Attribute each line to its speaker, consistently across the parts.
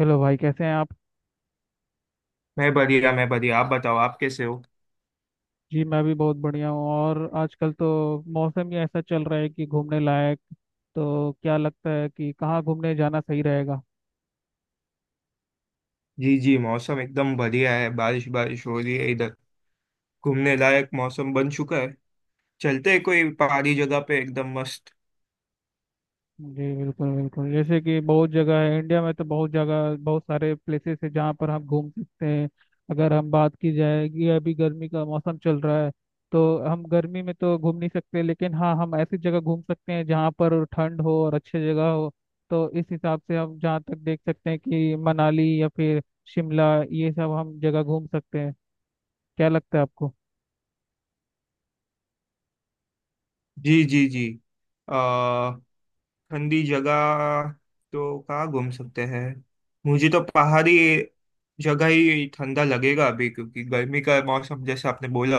Speaker 1: Hello भाई, कैसे हैं आप।
Speaker 2: मैं बढ़िया। आप बताओ आप कैसे हो।
Speaker 1: जी मैं भी बहुत बढ़िया हूँ। और आजकल तो मौसम ही ऐसा चल रहा है कि घूमने लायक। तो क्या लगता है कि कहाँ घूमने जाना सही रहेगा।
Speaker 2: जी जी मौसम एकदम बढ़िया है। बारिश बारिश हो रही है इधर। घूमने लायक मौसम बन चुका है। चलते हैं कोई पहाड़ी जगह पे एकदम मस्त।
Speaker 1: जी बिल्कुल बिल्कुल, जैसे कि बहुत जगह है इंडिया में, तो बहुत जगह, बहुत सारे प्लेसेस है जहाँ पर हम घूम सकते हैं। अगर हम बात की जाए कि अभी गर्मी का मौसम चल रहा है, तो हम गर्मी में तो घूम नहीं सकते, लेकिन हाँ हम ऐसी जगह घूम सकते हैं जहाँ पर ठंड हो और अच्छी जगह हो। तो इस हिसाब से हम जहाँ तक देख सकते हैं कि मनाली या फिर शिमला, ये सब हम जगह घूम सकते हैं। क्या लगता है आपको।
Speaker 2: जी जी जी। आ ठंडी जगह तो कहाँ घूम सकते हैं। मुझे तो पहाड़ी जगह ही ठंडा लगेगा अभी, क्योंकि गर्मी का मौसम जैसे आपने बोला,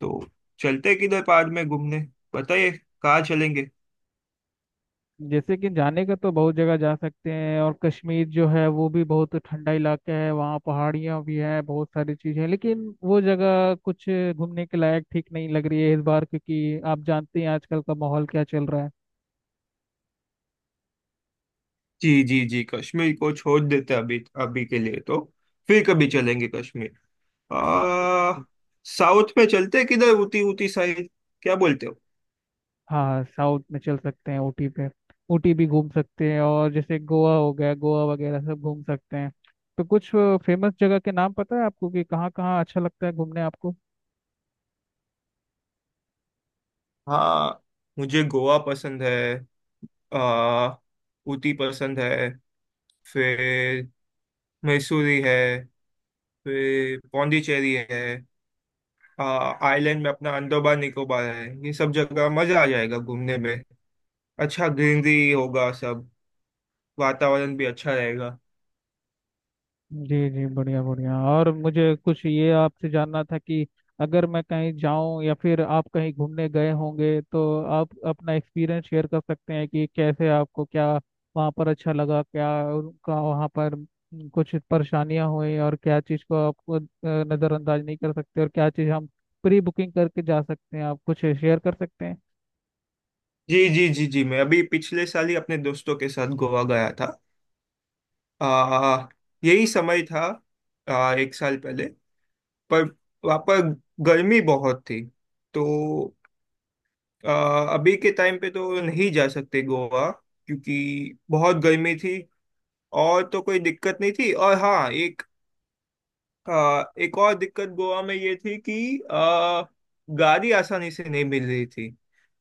Speaker 2: तो चलते हैं किधर पहाड़ में घूमने। बताइए कहाँ चलेंगे।
Speaker 1: जैसे कि जाने का तो बहुत जगह जा सकते हैं, और कश्मीर जो है वो भी बहुत ठंडा इलाका है, वहाँ पहाड़ियाँ भी हैं, बहुत सारी चीज़ें हैं, लेकिन वो जगह कुछ घूमने के लायक ठीक नहीं लग रही है इस बार, क्योंकि आप जानते हैं आजकल का माहौल क्या चल रहा है।
Speaker 2: जी जी जी, कश्मीर को छोड़ देते अभी अभी के लिए, तो फिर कभी चलेंगे कश्मीर। आ साउथ में चलते हैं किधर, उटी उटी साइड। क्या बोलते हो।
Speaker 1: हाँ, साउथ में चल सकते हैं, ऊटी पे। ऊटी भी घूम सकते हैं, और जैसे गोवा हो गया, गोवा वगैरह सब घूम सकते हैं। तो कुछ फेमस जगह के नाम पता है आपको कि कहाँ कहाँ अच्छा लगता है घूमने आपको।
Speaker 2: हाँ, मुझे गोवा पसंद है। आ उटी पसंद है। फिर मैसूरी है। फिर पौंडीचेरी है। आ आइलैंड में अपना अंडमान निकोबार है। ये सब जगह मजा आ जाएगा घूमने में। अच्छा ग्रीनरी होगा सब। वातावरण भी अच्छा रहेगा।
Speaker 1: जी जी बढ़िया बढ़िया। और मुझे कुछ ये आपसे जानना था कि अगर मैं कहीं जाऊं या फिर आप कहीं घूमने गए होंगे, तो आप अपना एक्सपीरियंस शेयर कर सकते हैं कि कैसे आपको क्या वहां पर अच्छा लगा, क्या उनका वहां पर कुछ परेशानियां हुई, और क्या चीज़ को आपको नज़रअंदाज नहीं कर सकते, और क्या चीज़ हम प्री बुकिंग करके जा सकते हैं। आप कुछ शेयर कर सकते हैं।
Speaker 2: जी जी जी जी, मैं अभी पिछले साल ही अपने दोस्तों के साथ गोवा गया था। आ, यही समय था, एक साल पहले। पर वहाँ पर गर्मी बहुत थी। तो अभी के टाइम पे तो नहीं जा सकते गोवा, क्योंकि बहुत गर्मी थी। और तो कोई दिक्कत नहीं थी। और हाँ, एक एक और दिक्कत गोवा में ये थी कि गाड़ी आसानी से नहीं मिल रही थी,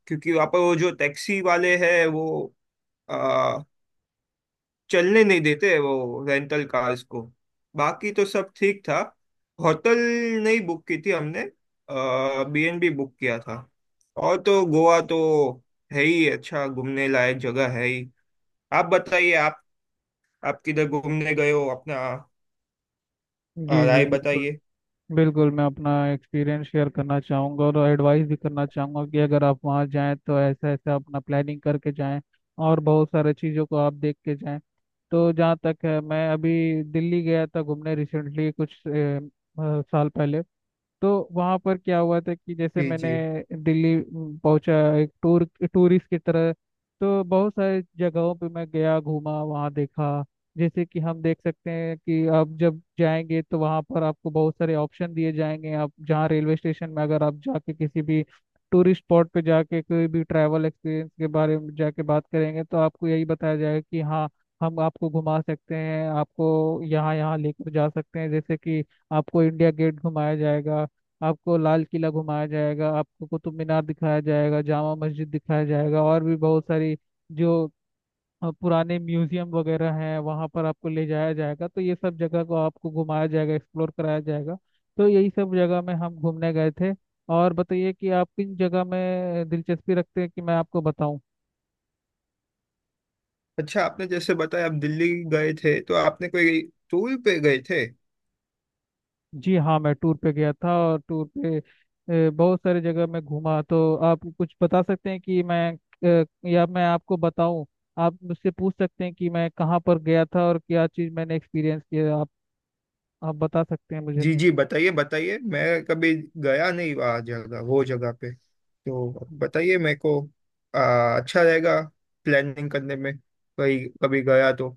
Speaker 2: क्योंकि वहाँ पर वो जो टैक्सी वाले हैं वो चलने नहीं देते वो रेंटल कार्स को। बाकी तो सब ठीक था। होटल नहीं बुक की थी हमने, बीएनबी बुक किया था। और तो गोवा तो है ही अच्छा, घूमने लायक जगह है ही। आप बताइए, आप किधर घूमने गए हो अपना,
Speaker 1: जी जी
Speaker 2: राय
Speaker 1: बिल्कुल
Speaker 2: बताइए।
Speaker 1: बिल्कुल, मैं अपना एक्सपीरियंस शेयर करना चाहूँगा और एडवाइस भी करना चाहूँगा कि अगर आप वहाँ जाएं तो ऐसा ऐसा अपना प्लानिंग करके जाएं, और बहुत सारे चीज़ों को आप देख के जाएं। तो जहाँ तक है, मैं अभी दिल्ली गया था घूमने, रिसेंटली कुछ साल पहले। तो वहाँ पर क्या हुआ था कि जैसे
Speaker 2: जी
Speaker 1: मैंने
Speaker 2: जी,
Speaker 1: दिल्ली पहुंचा, एक टूर टूरिस्ट की तरह। तो बहुत सारे जगहों पे मैं गया, घूमा वहाँ, देखा। जैसे कि हम देख सकते हैं कि आप जब जाएंगे तो वहाँ पर आपको बहुत सारे ऑप्शन दिए जाएंगे। आप जहाँ रेलवे स्टेशन में अगर आप जाके किसी भी टूरिस्ट स्पॉट पे जाके कोई भी ट्रैवल एक्सपीरियंस के बारे में जाके बात करेंगे, तो आपको यही बताया जाएगा कि हाँ हम आपको घुमा सकते हैं, आपको यहाँ यहाँ लेकर जा सकते हैं। जैसे कि आपको इंडिया गेट घुमाया जाएगा, आपको लाल किला घुमाया जाएगा, आपको कुतुब मीनार दिखाया जाएगा, जामा मस्जिद दिखाया जाएगा, और भी बहुत सारी जो पुराने म्यूजियम वगैरह हैं वहाँ पर आपको ले जाया जाएगा। तो ये सब जगह को आपको घुमाया जाएगा, एक्सप्लोर कराया जाएगा। तो यही सब जगह में हम घूमने गए थे। और बताइए कि आप किन जगह में दिलचस्पी रखते हैं कि मैं आपको बताऊं।
Speaker 2: अच्छा आपने जैसे बताया आप दिल्ली गए थे, तो आपने कोई टूर पे गए थे।
Speaker 1: जी हाँ, मैं टूर पे गया था। और टूर पे बहुत सारी जगह मैं घूमा। तो आप कुछ बता सकते हैं कि मैं या मैं आपको बताऊं। आप मुझसे पूछ सकते हैं कि मैं कहाँ पर गया था और क्या चीज़ मैंने एक्सपीरियंस किया। आप बता सकते हैं मुझे।
Speaker 2: जी जी, बताइए बताइए, मैं कभी गया नहीं वहाँ जगह, वो जगह पे, तो बताइए मेरे को अच्छा रहेगा प्लानिंग करने में, कहीं कभी गया तो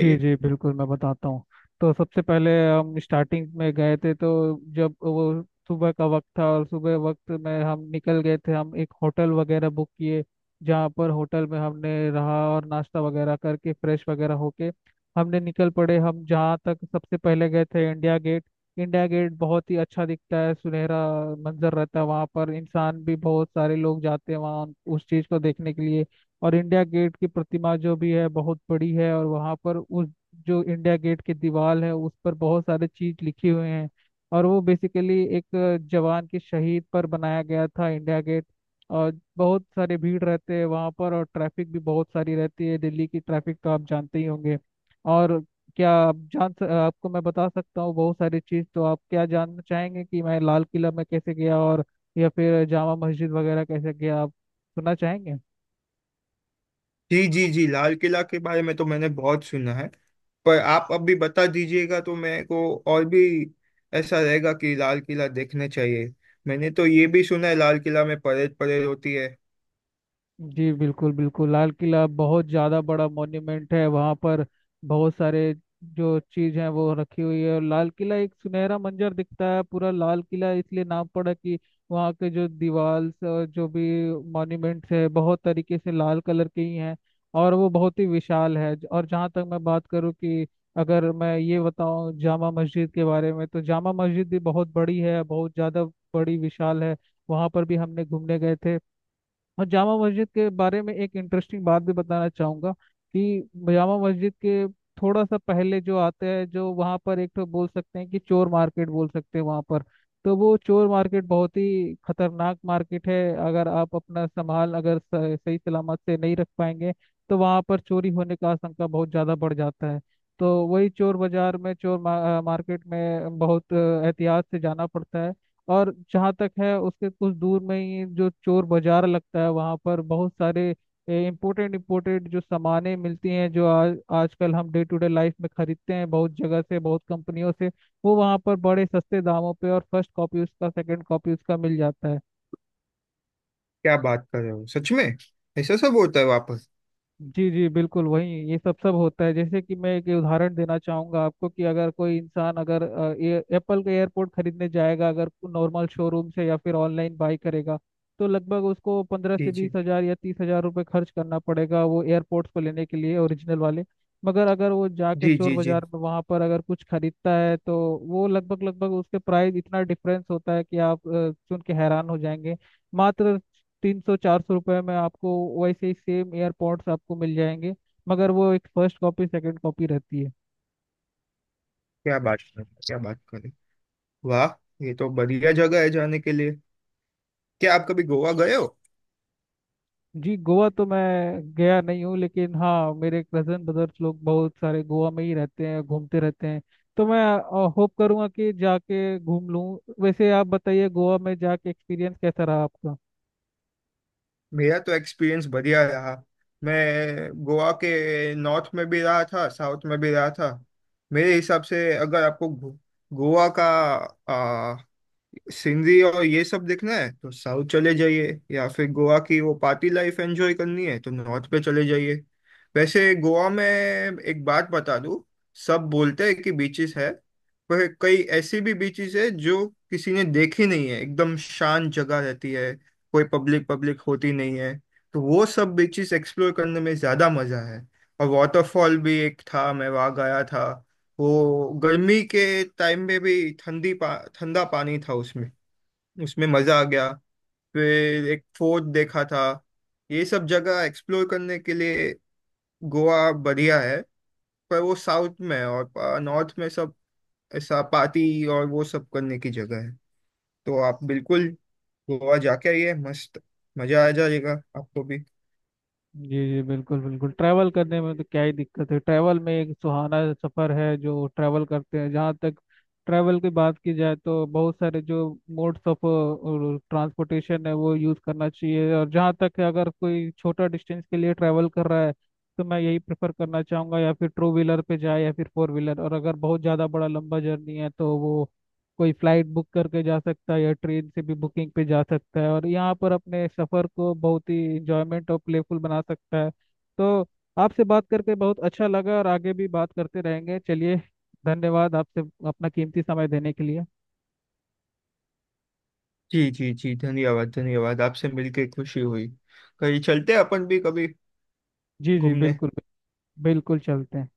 Speaker 1: जी जी बिल्कुल, मैं बताता हूँ। तो सबसे पहले हम स्टार्टिंग में गए थे, तो जब वो सुबह का वक्त था और सुबह वक्त में हम निकल गए थे, हम एक होटल वगैरह बुक किए, जहाँ पर होटल में हमने रहा, और नाश्ता वगैरह करके फ्रेश वगैरह होके हमने निकल पड़े। हम जहाँ तक सबसे पहले गए थे, इंडिया गेट। इंडिया गेट बहुत ही अच्छा दिखता है, सुनहरा मंजर रहता है वहाँ पर। इंसान भी बहुत सारे लोग जाते हैं वहाँ उस चीज़ को देखने के लिए। और इंडिया गेट की प्रतिमा जो भी है बहुत बड़ी है, और वहाँ पर उस, जो इंडिया गेट की दीवार है, उस पर बहुत सारे चीज लिखे हुए हैं, और वो बेसिकली एक जवान के शहीद पर बनाया गया था इंडिया गेट। और बहुत सारे भीड़ रहते हैं वहाँ पर, और ट्रैफिक भी बहुत सारी रहती है, दिल्ली की ट्रैफिक तो आप जानते ही होंगे। और क्या आप आपको मैं बता सकता हूँ बहुत सारी चीज़। तो आप क्या जानना चाहेंगे कि मैं लाल किला में कैसे गया, और या फिर जामा मस्जिद वगैरह कैसे गया। आप सुनना चाहेंगे।
Speaker 2: जी जी जी, लाल किला के बारे में तो मैंने बहुत सुना है। पर आप अब भी बता दीजिएगा तो मेरे को और भी ऐसा रहेगा कि लाल किला देखने चाहिए। मैंने तो ये भी सुना है लाल किला में परेड परेड होती है।
Speaker 1: जी बिल्कुल बिल्कुल, लाल किला बहुत ज़्यादा बड़ा मॉन्यूमेंट है। वहाँ पर बहुत सारे जो चीज़ हैं वो रखी हुई है, और लाल किला एक सुनहरा मंजर दिखता है। पूरा लाल किला इसलिए नाम पड़ा कि वहाँ के जो दीवार और जो भी मॉन्यूमेंट्स है बहुत तरीके से लाल कलर के ही हैं, और वो बहुत ही विशाल है। और जहाँ तक मैं बात करूँ कि अगर मैं ये बताऊँ जामा मस्जिद के बारे में, तो जामा मस्जिद भी बहुत बड़ी है, बहुत ज़्यादा बड़ी विशाल है। वहाँ पर भी हमने घूमने गए थे। और जामा मस्जिद के बारे में एक इंटरेस्टिंग बात भी बताना चाहूँगा कि जामा मस्जिद के थोड़ा सा पहले जो आता है, जो वहाँ पर एक तो बोल सकते हैं कि चोर मार्केट बोल सकते हैं वहाँ पर। तो वो चोर मार्केट बहुत ही खतरनाक मार्केट है। अगर आप अपना संभाल अगर स- सही सलामत से नहीं रख पाएंगे, तो वहाँ पर चोरी होने का आशंका बहुत ज़्यादा बढ़ जाता है। तो वही चोर बाजार में, चोर मार्केट में बहुत एहतियात से जाना पड़ता है। और जहाँ तक है, उसके कुछ दूर में ही जो चोर बाजार लगता है वहाँ पर बहुत सारे इम्पोर्टेंट इम्पोर्टेंट जो सामानें मिलती हैं, जो आज आजकल हम डे टू डे लाइफ में खरीदते हैं, बहुत जगह से, बहुत कंपनियों से, वो वहाँ पर बड़े सस्ते दामों पे, और फर्स्ट कॉपी उसका, सेकंड कॉपी उसका मिल जाता है।
Speaker 2: क्या बात कर रहे हो, सच में ऐसा सब होता है वापस।
Speaker 1: जी जी बिल्कुल वही ये सब सब होता है। जैसे कि मैं एक उदाहरण देना चाहूंगा आपको कि अगर कोई इंसान, अगर अ, ये एप्पल का एयरपोर्ट खरीदने जाएगा, अगर नॉर्मल शोरूम से या फिर ऑनलाइन बाई करेगा, तो लगभग उसको पंद्रह
Speaker 2: जी
Speaker 1: से
Speaker 2: जी
Speaker 1: बीस हजार या 30 हजार रुपये खर्च करना पड़ेगा वो एयरपोर्ट्स को लेने के लिए, ओरिजिनल वाले। मगर अगर वो जाके
Speaker 2: जी
Speaker 1: चोर
Speaker 2: जी जी,
Speaker 1: बाजार में वहाँ पर अगर कुछ खरीदता है, तो वो लगभग लगभग उसके प्राइस इतना डिफरेंस होता है कि आप सुन के हैरान हो जाएंगे। मात्र 300 400 रुपये में आपको वैसे ही सेम एयरपॉड्स आपको मिल जाएंगे, मगर वो एक फर्स्ट कॉपी सेकंड कॉपी रहती है।
Speaker 2: क्या बात करें। वाह, ये तो बढ़िया जगह है जाने के लिए। क्या आप कभी गोवा गए हो।
Speaker 1: जी गोवा तो मैं गया नहीं हूँ, लेकिन हाँ मेरे कजन ब्रदर्स लोग बहुत सारे गोवा में ही रहते हैं, घूमते रहते हैं। तो मैं होप करूँगा कि जाके घूम लूँ। वैसे आप बताइए, गोवा में जाके एक्सपीरियंस कैसा रहा आपका।
Speaker 2: मेरा तो एक्सपीरियंस बढ़िया रहा। मैं गोवा के नॉर्थ में भी रहा था, साउथ में भी रहा था। मेरे हिसाब से अगर आपको गोवा का सिंधी और ये सब देखना है तो साउथ चले जाइए, या फिर गोवा की वो पार्टी लाइफ एंजॉय करनी है तो नॉर्थ पे चले जाइए। वैसे गोवा में एक बात बता दूं, सब बोलते हैं कि बीचेस है, पर कई ऐसी भी बीचेस है जो किसी ने देखी नहीं है, एकदम शांत जगह रहती है, कोई पब्लिक पब्लिक होती नहीं है। तो वो सब बीचेस एक्सप्लोर करने में ज्यादा मजा है। और वाटरफॉल भी एक था मैं वहाँ गया था। वो गर्मी के टाइम में भी ठंडा पानी था उसमें। उसमें मजा आ गया। फिर एक फोर्ट देखा था। ये सब जगह एक्सप्लोर करने के लिए गोवा बढ़िया है। पर वो साउथ में है, और नॉर्थ में सब ऐसा पार्टी और वो सब करने की जगह है। तो आप बिल्कुल गोवा जाके आइए मस्त, मजा आ जाएगा आपको भी।
Speaker 1: जी जी बिल्कुल बिल्कुल, ट्रैवल करने में तो क्या ही दिक्कत है। ट्रैवल में एक सुहाना सफ़र है जो ट्रैवल करते हैं। जहाँ तक ट्रैवल की बात की जाए, तो बहुत सारे जो मोड्स ऑफ ट्रांसपोर्टेशन है वो यूज़ करना चाहिए। और जहाँ तक है, अगर कोई छोटा डिस्टेंस के लिए ट्रैवल कर रहा है, तो मैं यही प्रेफर करना चाहूँगा या फिर टू व्हीलर पे जाए या फिर फोर व्हीलर, और अगर बहुत ज़्यादा बड़ा लंबा जर्नी है तो वो कोई फ्लाइट बुक करके जा सकता है या ट्रेन से भी बुकिंग पे जा सकता है, और यहाँ पर अपने सफ़र को बहुत ही इंजॉयमेंट और प्लेफुल बना सकता है। तो आपसे बात करके बहुत अच्छा लगा, और आगे भी बात करते रहेंगे। चलिए, धन्यवाद आपसे, अपना कीमती समय देने के लिए।
Speaker 2: जी जी जी, धन्यवाद धन्यवाद, आपसे मिलके खुशी हुई। कहीं चलते हैं अपन भी कभी
Speaker 1: जी जी
Speaker 2: घूमने।
Speaker 1: बिल्कुल बिल्कुल, चलते हैं।